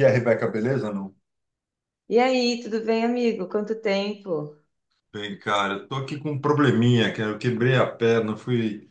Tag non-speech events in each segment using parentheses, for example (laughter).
E a Rebeca, beleza? Não. E aí, tudo bem, amigo? Quanto tempo? Bem, cara, eu tô aqui com um probleminha, cara. Eu quebrei a perna, fui.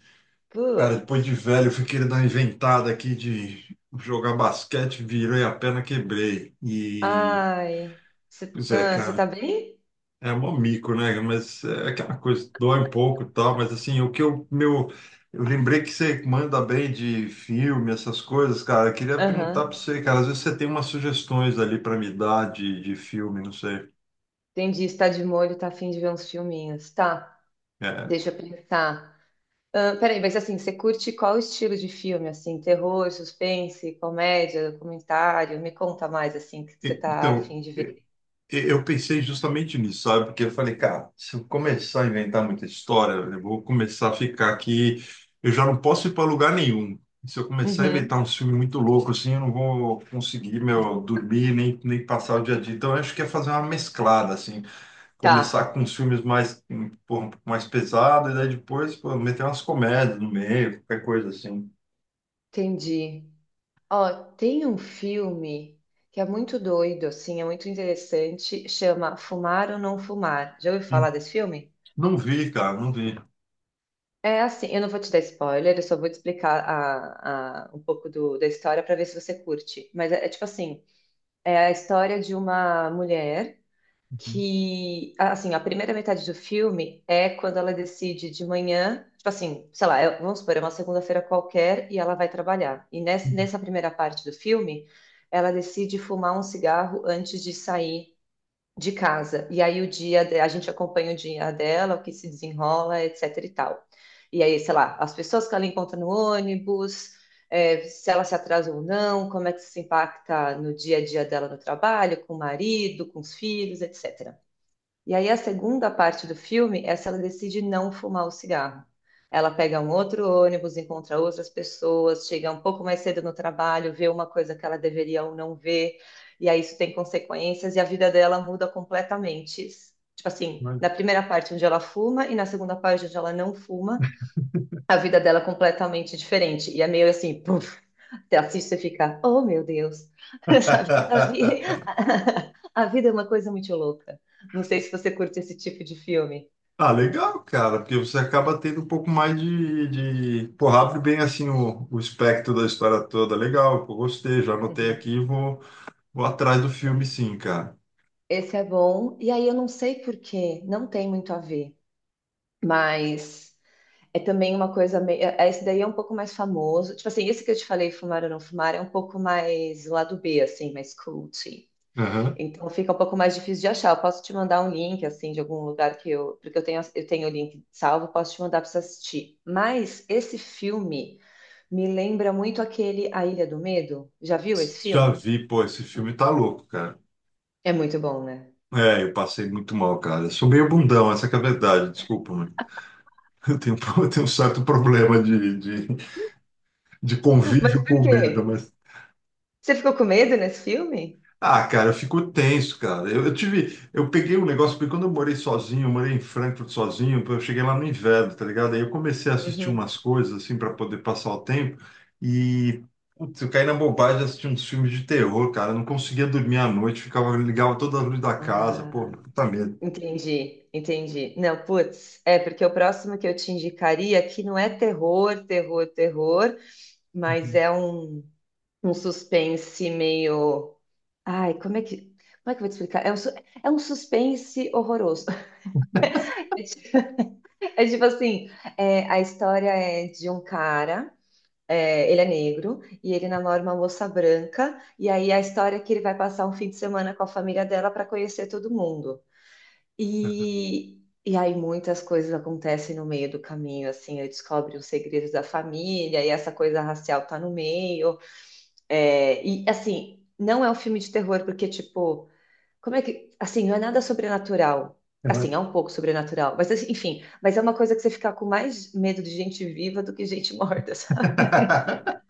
Cara, Putz. depois de velho, eu fui querer dar uma inventada aqui de jogar basquete, virei a perna, quebrei. E. Ai. Você Pois é, cê tá cara. bem? É mó mico, né? Mas é aquela coisa, dói um pouco e tal, mas assim, o que eu. Meu. Eu lembrei que você manda bem de filme, essas coisas, cara. Eu queria perguntar pra Aham. você, cara. Às vezes você tem umas sugestões ali pra me dar de filme, não sei. Entendi. Está de molho, tá afim de ver uns filminhos. Tá, É. deixa eu pensar. Ah, peraí, mas assim, você curte qual estilo de filme? Assim, terror, suspense, comédia, documentário? Me conta mais, assim, o que você tá Então. afim de ver. Eu pensei justamente nisso, sabe? Porque eu falei, cara, se eu começar a inventar muita história, eu vou começar a ficar aqui. Eu já não posso ir para lugar nenhum. Se eu começar a inventar um Uhum. filme muito louco, assim, eu não vou conseguir, meu, dormir nem passar o dia a dia. Então, eu acho que é fazer uma mesclada, assim. Tá, Começar com os filmes mais, pô, um pouco mais pesados, e daí depois, pô, meter umas comédias no meio, qualquer coisa assim. entendi. Ó, tem um filme que é muito doido, assim, é muito interessante, chama Fumar ou Não Fumar. Já ouviu Hum. falar desse filme? Não vi, cara, não vi. É assim, eu não vou te dar spoiler, eu só vou te explicar um pouco da história para ver se você curte. Mas é, é tipo assim, é a história de uma mulher Uhum. que, assim, a primeira metade do filme é quando ela decide de manhã, tipo assim, sei lá, vamos supor, é uma segunda-feira qualquer e ela vai trabalhar. E nessa primeira parte do filme, ela decide fumar um cigarro antes de sair de casa. E aí o dia, a gente acompanha o dia dela, o que se desenrola, etc e tal. E aí, sei lá, as pessoas que ela encontra no ônibus, é, se ela se atrasa ou não, como é que isso impacta no dia a dia dela no trabalho, com o marido, com os filhos, etc. E aí a segunda parte do filme é se ela decide não fumar o cigarro. Ela pega um outro ônibus, encontra outras pessoas, chega um pouco mais cedo no trabalho, vê uma coisa que ela deveria ou não ver, e aí isso tem consequências e a vida dela muda completamente. Tipo assim, na Mas- primeira parte onde ela fuma e na segunda parte onde ela não fuma, a vida dela é completamente diferente. E é meio assim, puf, você assiste e fica, oh meu Deus, (laughs) sabe? (laughs) (laughs) A vida é uma coisa muito louca. Não sei se você curte esse tipo de filme. Ah, legal, cara, porque você acaba tendo um pouco mais de... Pô, abre bem assim o espectro da história toda. Legal, eu gostei, já anotei Uhum. aqui e vou, vou atrás do filme sim, cara. Esse é bom. E aí eu não sei por quê, não tem muito a ver, mas é também uma coisa meio. Esse daí é um pouco mais famoso. Tipo assim, esse que eu te falei, Fumar ou Não Fumar, é um pouco mais o lado B, assim, mais cult. Aham. Então fica um pouco mais difícil de achar. Eu posso te mandar um link assim de algum lugar que eu, porque eu tenho o link salvo, posso te mandar para você assistir. Mas esse filme me lembra muito aquele A Ilha do Medo. Já viu esse Já filme? vi, pô, esse filme tá louco, cara. É muito bom, né? É, eu passei muito mal, cara. Eu sou meio bundão, essa que é a verdade, desculpa, mano. Eu tenho, (laughs) eu tenho um certo problema de (laughs) Mas convívio com por o medo, quê? mas Você ficou com medo nesse filme? Ah, cara, eu fico tenso, cara. Eu tive, eu peguei um negócio, porque quando eu morei sozinho, eu morei em Frankfurt sozinho, eu cheguei lá no inverno, tá ligado? Aí eu comecei a assistir Uhum. umas coisas, assim, para poder passar o tempo, e, putz, eu caí na bobagem de assistir uns filmes de terror, cara. Eu não conseguia dormir à noite, ficava, ligava toda a luz da casa, pô, Ah, puta medo. entendi, entendi. Não, putz, é porque o próximo que eu te indicaria que não é terror, terror, terror, mas é um, um suspense meio. Ai, como é que eu vou te explicar? É um, é um suspense horroroso. (laughs) É ti- é tipo assim, é, a história é de um cara, é, ele é negro, e ele namora uma moça branca, e aí a história é que ele vai passar um fim de semana com a família dela para conhecer todo mundo. E aí muitas coisas acontecem no meio do caminho, assim, ele descobre os segredos da família, e essa coisa racial tá no meio. É, e assim, não é um filme de terror, porque, tipo. Como é que. Assim, não é nada sobrenatural. Assim, é um pouco sobrenatural. Mas, assim, enfim, mas é uma coisa que você fica com mais medo de gente viva do que gente morta, (laughs) sabe? (laughs)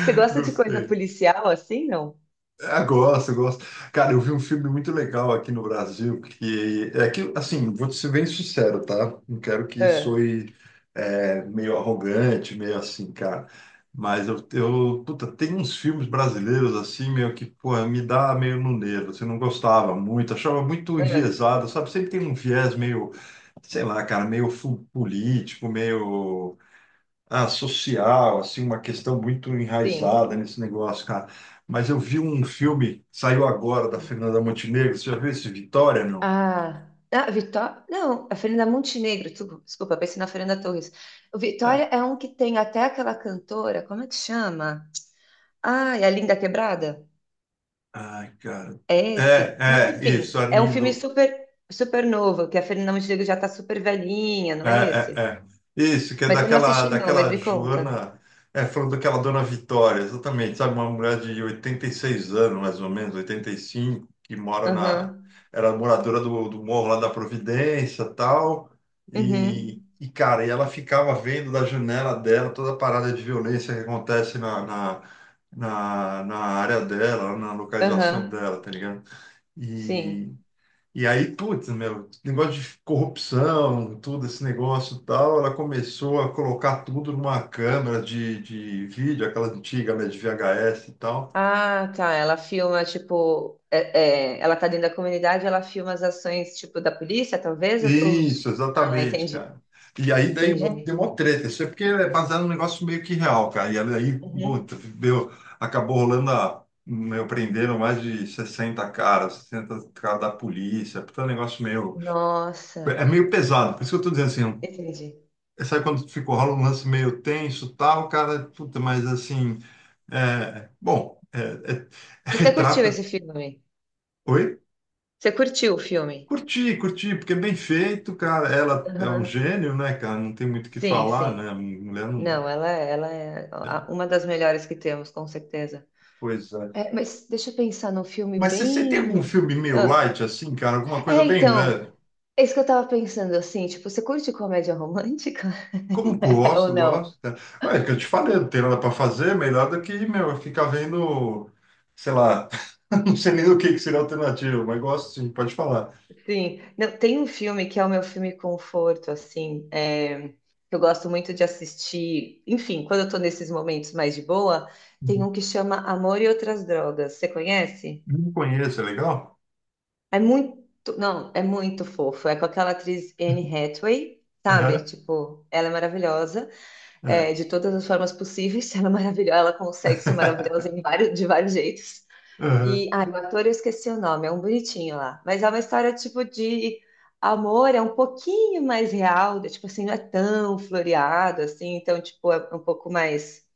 Você gosta de coisa Gostei. policial assim, não? Ah, gosto, gosto. Cara, eu vi um filme muito legal aqui no Brasil, que é que, assim, vou te ser bem sincero, tá? Não quero que Ah, soe meio arrogante, meio assim, cara. Mas eu puta, tem uns filmes brasileiros assim, meio que, pô, me dá meio no nervo. Você não gostava muito, achava muito ah, enviesado, sabe? Sempre tem um viés meio, sei lá, cara, meio político, meio social, assim, uma questão muito sim. enraizada nesse negócio, cara. Mas eu vi um filme, saiu agora, da Fernanda Montenegro. Você já viu esse Vitória, não? Ah, ah, Vitória. Não, a Fernanda Montenegro. Tu... Desculpa, pensei na Fernanda Torres. O Vitória É. é um que tem até aquela cantora. Como é que chama? Ah, é a Linda Quebrada? Ai, cara. É esse. Mas Isso, enfim, a é um filme super super novo, que a Fernanda Montenegro já tá super velhinha, É, não é é, esse? é. Isso, que é Mas eu não daquela, assisti não, mas daquela me conta. Joana, é, falando daquela Dona Vitória, exatamente, sabe? Uma mulher de 86 anos, mais ou menos, 85, que mora na... Aham. Era moradora do morro lá da Providência, tal, Uhum. Cara, e ela ficava vendo da janela dela toda a parada de violência que acontece na área dela, na localização Aham. dela, tá ligado? Sim. E, e aí, putz, meu, negócio de corrupção, tudo esse negócio e tal, ela começou a colocar tudo numa câmera de vídeo, aquela antiga, né, de VHS e tal. Ah, tá. Ela filma, tipo, é, é, ela tá dentro da comunidade, ela filma as ações, tipo, da polícia, talvez? Ou- Isso, Ah, exatamente, entendi. cara. E aí daí mó- deu Entendi. uma treta, isso é porque é baseado num negócio meio que real, cara. E aí, Uhum. puta, deu, acabou rolando a, meu, prenderam mais de 60 caras, 60 caras da polícia, puta, é um negócio meio, Nossa, é meio pesado. Por isso que eu tô dizendo assim, entendi. Sabe quando ficou rola um lance meio tenso, tal, cara, puta, mas assim, é, bom, é, é- (laughs) Mas você curtiu esse retrata. filme? Oi? Você curtiu o filme? Curti, curti, porque é bem feito, cara. Ela é um Aham. gênio, né, cara? Não tem muito o que Sim, falar, né? sim. Mulher não. Não, ela, ela é uma das melhores que temos, com certeza. Pois é. É, mas deixa eu pensar num filme Mas você tem algum bem. filme meio Ah, light, assim, cara? Alguma coisa é, bem então, leve? é isso que eu tava pensando, assim, tipo, você curte comédia romântica Como (laughs) ou gosto, não? gosto, cara. Olha, é que eu te falei, não tem nada pra fazer, melhor do que, meu, ficar vendo, sei lá, (laughs) não sei nem o que que seria a alternativa, mas gosto sim, pode falar. Sim. Não, tem um filme que é o meu filme conforto, assim, é, que eu gosto muito de assistir. Enfim, quando eu tô nesses momentos mais de boa, tem um que chama Amor e Outras Drogas. Você conhece? Não conheço, é legal? É muito, não, é muito fofo. É com aquela atriz Anne Hathaway, sabe? Aham, Tipo, ela é maravilhosa, é. é, de todas as formas possíveis. (laughs) Ela é maravilhosa, ela consegue ser maravilhosa (laughs) em vários, de vários jeitos. Aham, E, ai, o ator eu esqueci o nome, é um bonitinho lá. Mas é uma história tipo de amor, é um pouquinho mais real, de, tipo assim, não é tão floreado assim, então tipo é um pouco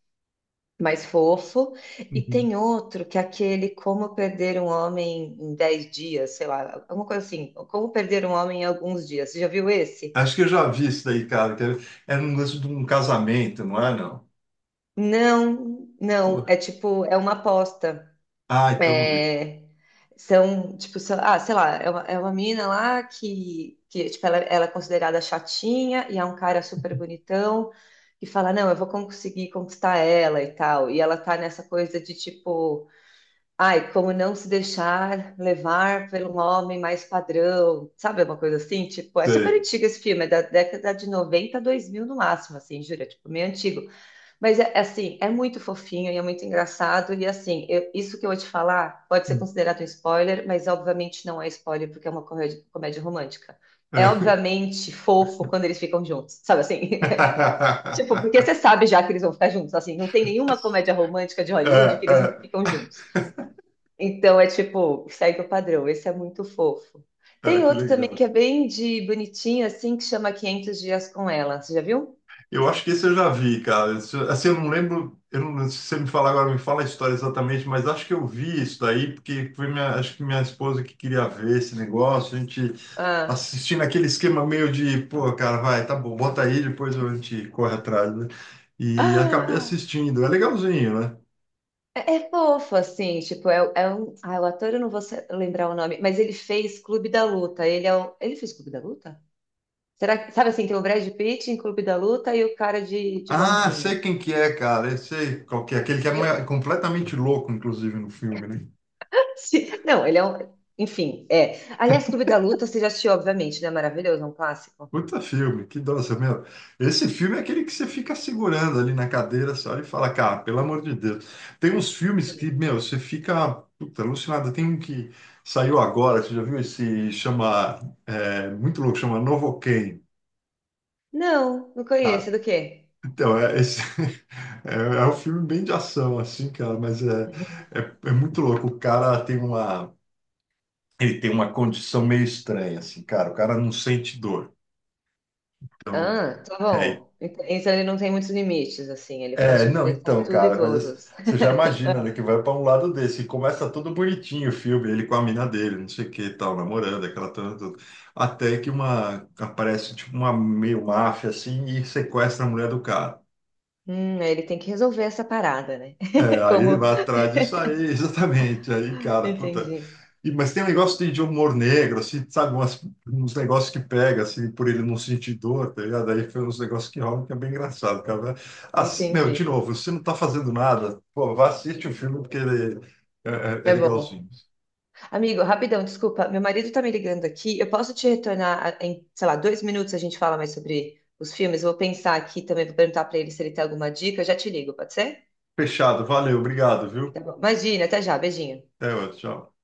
mais fofo. E uhum. tem outro que é aquele Como Perder um Homem em 10 Dias, sei lá, alguma coisa assim. Como Perder um Homem em Alguns Dias. Você já viu esse? Acho que eu já vi isso daí, cara. Que era era um lance de um casamento, não é, não? Não, não. Poxa. É tipo, é uma aposta. Ah, então não vi. É, são, tipo, ah, sei lá, é uma mina lá que tipo, ela é considerada chatinha e é um cara super bonitão. E fala, não, eu vou conseguir conquistar ela e tal. E ela tá nessa coisa de tipo. Ai, como não se deixar levar por um homem mais padrão, sabe? Uma coisa assim, tipo, é super Sei. antigo esse filme, é da década de 90, 2000 no máximo, assim, jura, tipo, meio antigo. Mas, é, é assim, é muito fofinho e é muito engraçado. E, assim, isso que eu vou te falar pode ser Hum. considerado um spoiler, mas obviamente não é spoiler porque é uma comédia, comédia romântica. É É. obviamente fofo quando eles ficam juntos, sabe assim? (laughs) Tipo, porque você (laughs) sabe já que eles vão ficar juntos, assim, não tem nenhuma comédia romântica de É, Hollywood que eles não é, ficam juntos. Então é tipo, segue o padrão, esse é muito fofo. é, Tem que outro também que legal. é bem de bonitinho, assim, que chama 500 Dias com Ela. Você já viu? Eu acho que esse eu já vi, cara. Isso- Assim, eu não, lembro se você me falar agora, me fala a história exatamente, mas acho que eu vi isso daí, porque foi minha, acho que minha esposa que queria ver esse negócio. A gente Ah, assistindo aquele esquema meio de, pô, cara, vai, tá bom, bota aí, depois a gente corre atrás, né? E acabei ah assistindo, é legalzinho, né? é, é fofo, assim, tipo, é, é um... Ah, o ator, eu não vou lembrar o nome, mas ele fez Clube da Luta. Ele é o... Ele fez Clube da Luta? Será que... Sabe assim, tem o Brad Pitt em Clube da Luta e o cara de Ah, sei bonzinho. quem que é, cara, eu sei qual que é, aquele que é (laughs) completamente louco, inclusive, no filme, né? Sim, não, ele é um... Enfim, é. Aliás, Clube da Luta, você já assistiu, obviamente, né? Maravilhoso, é um clássico. Puta filme, que nossa, meu. Esse filme é aquele que você fica segurando ali na cadeira, você olha e fala, cara, pelo amor de Deus. Tem uns filmes que, meu, você fica, puta, alucinado. Tem um que saiu agora, você já viu esse, chama, é, muito louco, chama Novocaine. Não, não conheço. Ah, É do quê? então, é esse, (laughs) é um filme bem de ação, assim, cara, mas é, é, é muito louco. O cara tem uma, ele tem uma condição meio estranha, assim, cara. O cara não sente dor. Então, Ah, tá é, bom. Então ele não tem muitos limites, assim. Ele pode é, não, enfrentar então, tudo e cara, mas esse- todos. você já imagina, né, que vai para um lado desse. E começa todo bonitinho o filme, ele com a mina dele, não sei o que e tal, namorando, aquela toda, toda. Até que uma, aparece, tipo, uma meio máfia, assim, e sequestra a mulher do cara. Aí ele tem que resolver essa parada, né? É, (laughs) aí ele Como. vai atrás disso aí, (laughs) exatamente. Aí, cara, puta. Entendi, E, mas tem um negócio de humor negro, assim, sabe? Umas, uns negócios que pega, assim, por ele não sentir dor, tá ligado? Aí foi uns negócios que rolam que é bem engraçado, cara. Assim, meu, de entendi. novo, você não tá fazendo nada, pô, vá assistir o filme porque ele é, é- é É bom. legalzinho. Amigo, rapidão, desculpa. Meu marido tá me ligando aqui. Eu posso te retornar em, sei lá, 2 minutos a gente fala mais sobre os filmes. Eu vou pensar aqui também, vou perguntar pra ele se ele tem alguma dica. Eu já te ligo, pode ser? Fechado, valeu, obrigado, Tá viu? bom. Imagina, até já. Beijinho. Até outro, tchau.